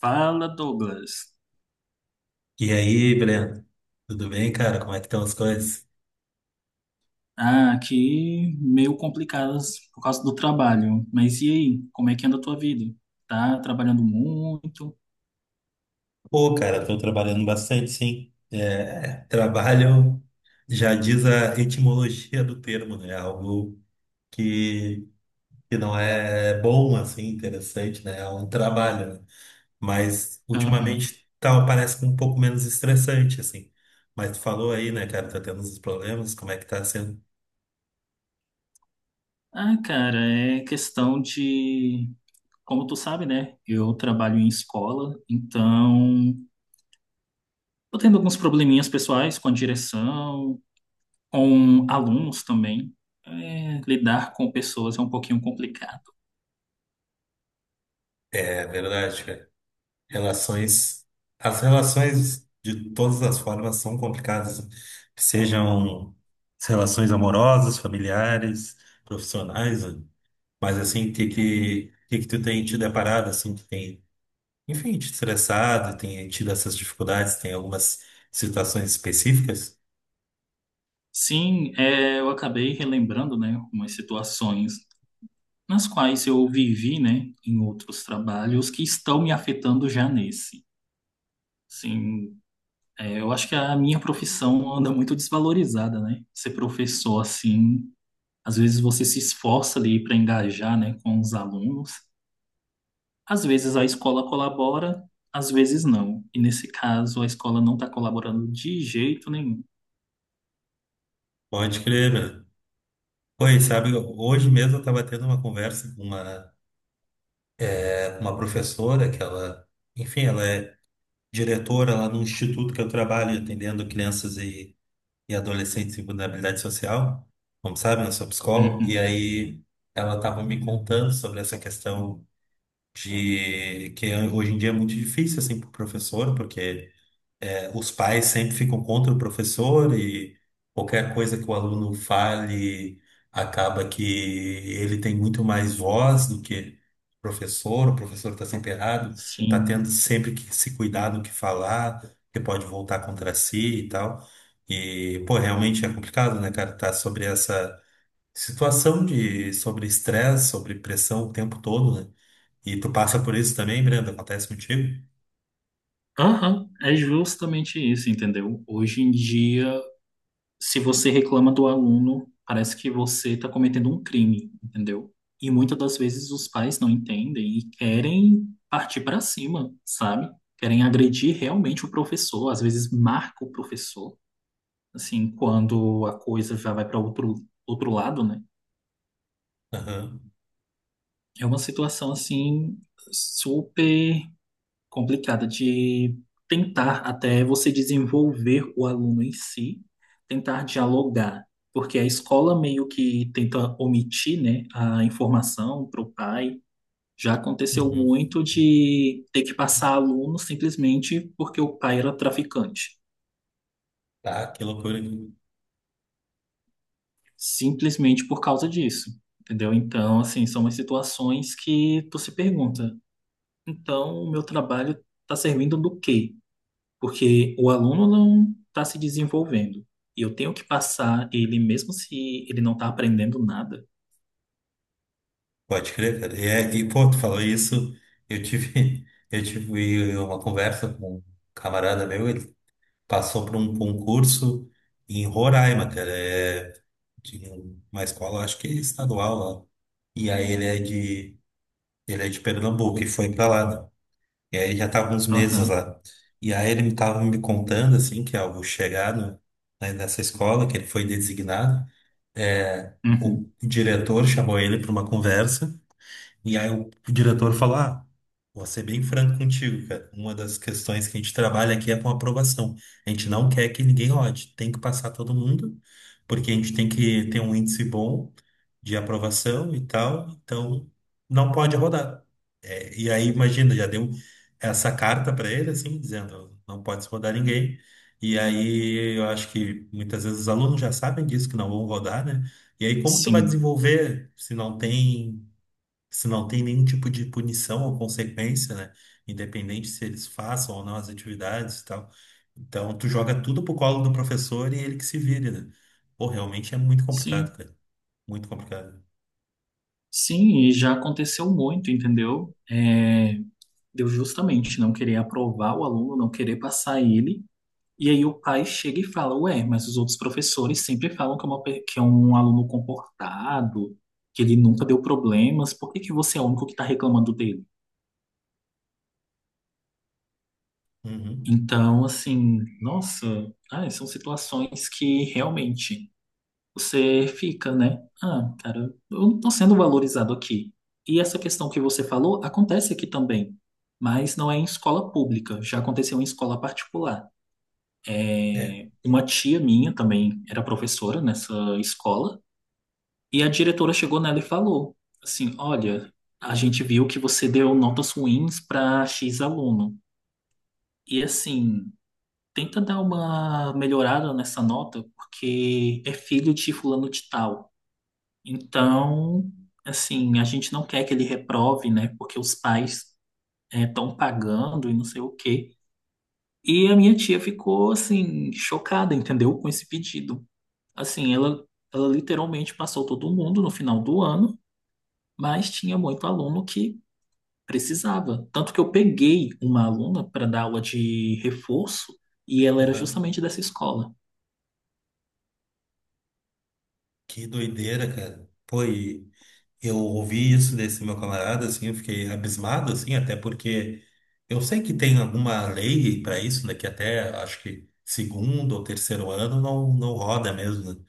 Fala, Douglas. E aí, Breno? Tudo bem, cara? Como é que estão as coisas? Ah, aqui meio complicadas por causa do trabalho. Mas e aí? Como é que anda a tua vida? Tá trabalhando muito? Pô, cara, tô trabalhando bastante, sim. Trabalho já diz a etimologia do termo, né? Algo que, que não é bom, assim, interessante, né? É um trabalho, né? Mas Aham. ultimamente tá, parece que um pouco menos estressante, assim. Mas tu falou aí, né, cara, tá tendo uns problemas, como é que tá sendo? Ah, cara, é questão de. Como tu sabe, né? Eu trabalho em escola, então tô tendo alguns probleminhas pessoais com a direção, com alunos também. É, lidar com pessoas é um pouquinho complicado. É verdade, cara. Relações, as relações de todas as formas são complicadas, sejam as relações amorosas, familiares, profissionais, né? Mas assim, o que que tu tem te deparado, assim, tu tem, enfim, te estressado, tem tido essas dificuldades, tem algumas situações específicas? Sim, é, eu acabei relembrando, né, umas situações nas quais eu vivi, né, em outros trabalhos que estão me afetando já nesse. Sim, é, eu acho que a minha profissão anda muito desvalorizada, né? Ser professor assim, às vezes você se esforça ali para engajar, né, com os alunos. Às vezes a escola colabora, às vezes não. E nesse caso a escola não está colaborando de jeito nenhum. Pode crer, meu. Pois, sabe, hoje mesmo eu estava tendo uma conversa com uma, com uma professora que ela, enfim, ela é diretora lá no instituto que eu trabalho, atendendo crianças e adolescentes em vulnerabilidade social, como sabe, eu sou psicólogo, e Uhum. aí ela estava me contando sobre essa questão de que hoje em dia é muito difícil assim para o professor, porque os pais sempre ficam contra o professor e qualquer coisa que o aluno fale acaba que ele tem muito mais voz do que o professor está sempre errado, está tendo Sim. sempre que se cuidar do que falar, que pode voltar contra si e tal. E, pô, realmente é complicado, né, cara, tá sobre essa situação de sobre estresse, sobre pressão o tempo todo, né? E tu passa por isso também, Brenda? Acontece contigo? Aham, é justamente isso, entendeu? Hoje em dia, se você reclama do aluno, parece que você está cometendo um crime, entendeu? E muitas das vezes os pais não entendem e querem partir para cima, sabe? Querem agredir realmente o professor, às vezes marca o professor, assim, quando a coisa já vai para outro, outro lado, né? Aham. É uma situação, assim, super complicada de tentar até você desenvolver o aluno em si, tentar dialogar, porque a escola meio que tenta omitir, né, a informação para o pai. Já aconteceu Uhum. muito de ter que passar aluno simplesmente porque o pai era traficante, Tá, que loucura. simplesmente por causa disso, entendeu? Então, assim, são umas situações que tu se pergunta, então o meu trabalho está servindo do quê? Porque o aluno não está se desenvolvendo. E eu tenho que passar ele, mesmo se ele não está aprendendo nada. Pode crer, cara. E, pô, tu falou isso, eu tive, eu tive uma conversa com um camarada meu, ele passou por um concurso em Roraima, cara, é de uma escola, acho que estadual lá. E aí ele é de Pernambuco e foi pra lá, né? E aí ele já tava uns meses Aham, lá. E aí ele me contando, assim, que ao chegar no, né, nessa escola, que ele foi designado, uhum. o diretor chamou ele para uma conversa e aí o diretor falou: ah, vou ser bem franco contigo, cara. Uma das questões que a gente trabalha aqui é com aprovação. A gente não quer que ninguém rode, tem que passar todo mundo, porque a gente tem que ter um índice bom de aprovação e tal, então não pode rodar. É, e aí, imagina, já deu essa carta para ele, assim, dizendo: não pode se rodar ninguém. E aí, eu acho que muitas vezes os alunos já sabem disso, que não vão rodar, né? E aí, como tu vai Sim, desenvolver se não tem nenhum tipo de punição ou consequência, né? Independente se eles façam ou não as atividades e tal. Então, tu joga tudo pro colo do professor e ele que se vire, né? Pô, realmente é muito complicado, sim, cara. Muito complicado. sim, e já aconteceu muito, entendeu? É, deu justamente não querer aprovar o aluno, não querer passar ele, e aí o pai chega e fala, ué, mas os outros professores sempre falam que é, que é um aluno comportado, que ele nunca deu problemas, por que que você é o único que está reclamando dele? Uhum. Então, assim, nossa, ai, são situações que realmente você fica, né? Ah, cara, eu não tô sendo valorizado aqui. E essa questão que você falou acontece aqui também, mas não é em escola pública, já aconteceu em escola particular. É, É. uma tia minha também era professora nessa escola, e a diretora chegou nela e falou assim: Olha, a gente viu que você deu notas ruins para X aluno. E assim, tenta dar uma melhorada nessa nota, porque é filho de fulano de tal. Então, assim, a gente não quer que ele reprove, né? Porque os pais estão pagando e não sei o quê. E a minha tia ficou, assim, chocada, entendeu? Com esse pedido. Assim, ela literalmente passou todo mundo no final do ano, mas tinha muito aluno que precisava. Tanto que eu peguei uma aluna para dar aula de reforço e ela era Aham. justamente dessa escola. Que doideira, cara. Pô, e eu ouvi isso desse meu camarada, assim, eu fiquei abismado, assim, até porque eu sei que tem alguma lei para isso, né? Que até acho que segundo ou terceiro ano não roda mesmo, né?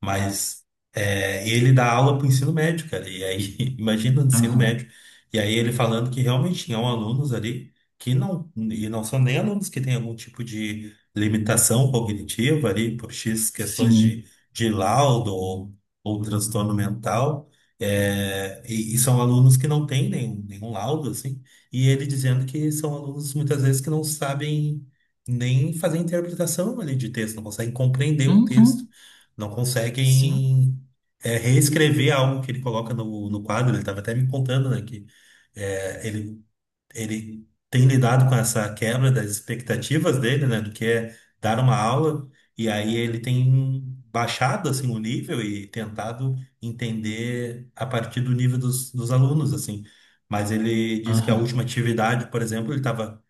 Mas ele dá aula para o ensino médio, cara. E aí, imagina o ensino Aham. médio. E aí ele falando que realmente tinham alunos ali que não, e não são nem alunos que têm algum tipo de limitação cognitiva ali, por X questões Sim. de laudo ou transtorno mental. E são alunos que não têm nenhum laudo, assim, e ele dizendo que são alunos muitas vezes que não sabem nem fazer interpretação ali de texto, não conseguem compreender o texto Uhum. não Sim. conseguem reescrever algo que ele coloca no quadro. Ele estava até me contando, né, que é, ele, ele tem lidado com essa quebra das expectativas dele, né, do que é dar uma aula, e aí ele tem baixado, assim, o nível e tentado entender a partir do nível dos alunos, assim. Mas ele disse que a Aham. última atividade, por exemplo, ele estava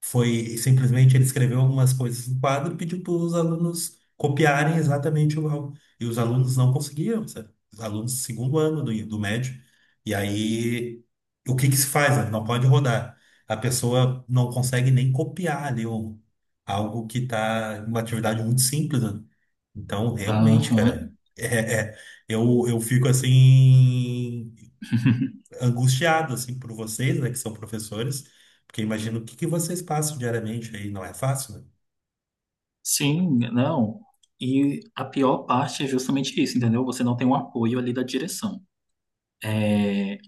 foi simplesmente ele escreveu algumas coisas no quadro e pediu para os alunos copiarem exatamente igual. E os alunos não conseguiam, sabe? Os alunos do segundo ano do médio. E aí, o que que se faz? Né? Não pode rodar. A pessoa não consegue nem copiar ali algo que está uma atividade muito simples, né? Então, realmente, Aham. cara, é- eu fico assim angustiado, assim, por vocês, né, que são professores, porque imagino o que que vocês passam diariamente aí, não é fácil, né? Sim, não. E a pior parte é justamente isso, entendeu? Você não tem um apoio ali da direção. É,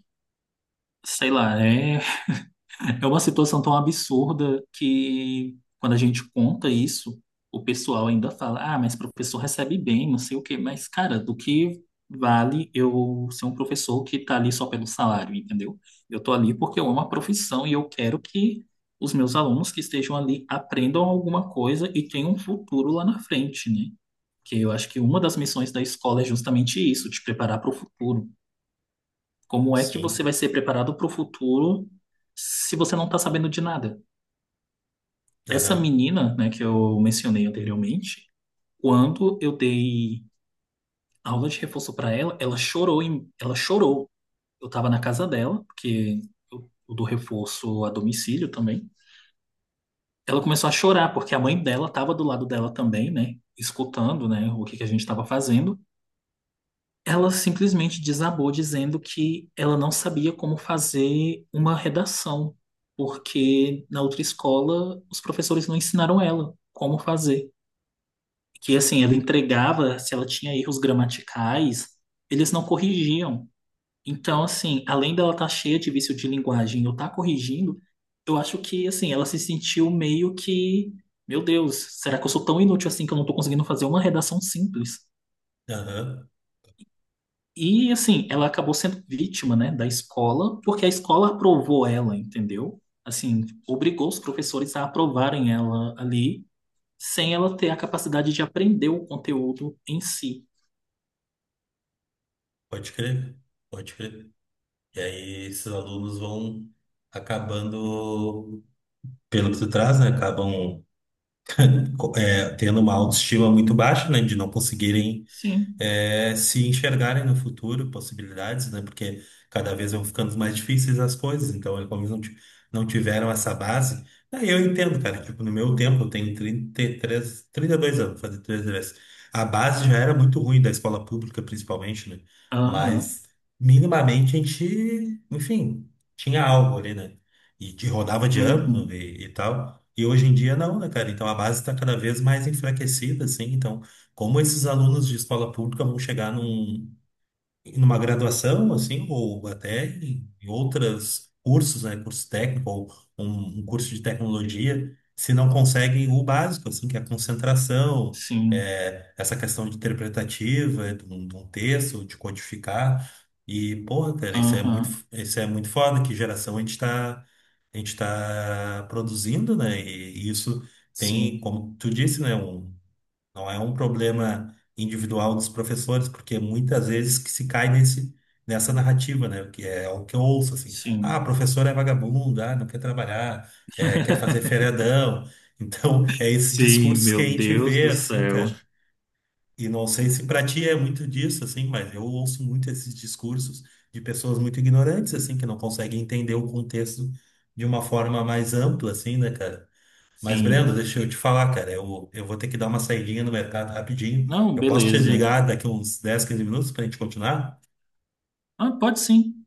sei lá, é. É uma situação tão absurda que, quando a gente conta isso, o pessoal ainda fala: ah, mas professor recebe bem, não sei o quê. Mas, cara, do que vale eu ser um professor que tá ali só pelo salário, entendeu? Eu tô ali porque eu amo a profissão e eu quero que os meus alunos que estejam ali aprendam alguma coisa e tenham um futuro lá na frente, né? Que eu acho que uma das missões da escola é justamente isso, te preparar para o futuro. Como é que você vai Sim, ser preparado para o futuro se você não está sabendo de nada? Essa aham, menina, né, que eu mencionei anteriormente, quando eu dei aula de reforço para ela, ela ela chorou. Eu estava na casa dela, porque eu dou reforço a domicílio também. Ela começou a chorar porque a mãe dela estava do lado dela também, né, escutando, né, o que que a gente estava fazendo. Ela simplesmente desabou dizendo que ela não sabia como fazer uma redação, porque na outra escola os professores não ensinaram ela como fazer. Que assim, ela entregava, se ela tinha erros gramaticais, eles não corrigiam. Então, assim, além dela estar cheia de vício de linguagem, eu estar corrigindo, eu acho que assim, ela se sentiu meio que, meu Deus, será que eu sou tão inútil assim que eu não estou conseguindo fazer uma redação simples? aham, E assim, ela acabou sendo vítima, né, da escola, porque a escola aprovou ela, entendeu? Assim, obrigou os professores a aprovarem ela ali, sem ela ter a capacidade de aprender o conteúdo em si. pode crer, pode crer. E aí esses alunos vão acabando, pelo que tu traz, né, acabam tendo uma autoestima muito baixa, né, de não conseguirem Sim. Se enxergarem no futuro possibilidades, né? Porque cada vez vão ficando mais difíceis as coisas, então eles como eles não, ti- não tiveram essa base. Aí eu entendo, cara, tipo, no meu tempo, eu tenho 33, 32 anos, fazer 33. A base já era muito ruim da escola pública, principalmente, né? Aham. Mas minimamente a gente, enfim, tinha algo ali, né? Rodava de ano Uhum. E tal. E hoje em dia não, né, cara? Então a base está cada vez mais enfraquecida, assim, então como esses alunos de escola pública vão chegar numa graduação, assim, ou até em outras cursos, né, curso técnico ou um curso de tecnologia, se não conseguem o básico, assim, que é a concentração, Sim. Essa questão de interpretativa, de um texto, de codificar. E, porra, cara, Aham. isso é muito foda, que geração a gente tá produzindo, né? E isso tem, Sim. como tu disse, né, um não é um problema individual dos professores, porque muitas vezes que se cai nessa narrativa, né? Que é o que eu ouço, assim. Ah, Sim. professor é vagabundo, ah, não quer trabalhar, quer fazer feriadão. Então, é esse Sim, discurso que a meu gente Deus vê, do assim, céu. cara. E não sei se pra ti é muito disso, assim, mas eu ouço muito esses discursos de pessoas muito ignorantes, assim, que não conseguem entender o contexto de uma forma mais ampla, assim, né, cara? Mas, Sim. Brenda, deixa eu te falar, cara. Eu vou ter que dar uma saidinha no mercado rapidinho. Não, Eu posso te beleza. ligar daqui uns 10, 15 minutos pra gente continuar? Ah, pode sim.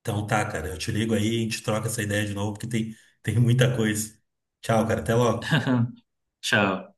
Então tá, cara. Eu te ligo aí e a gente troca essa ideia de novo, porque tem muita coisa. Tchau, cara. Até logo. Tchau.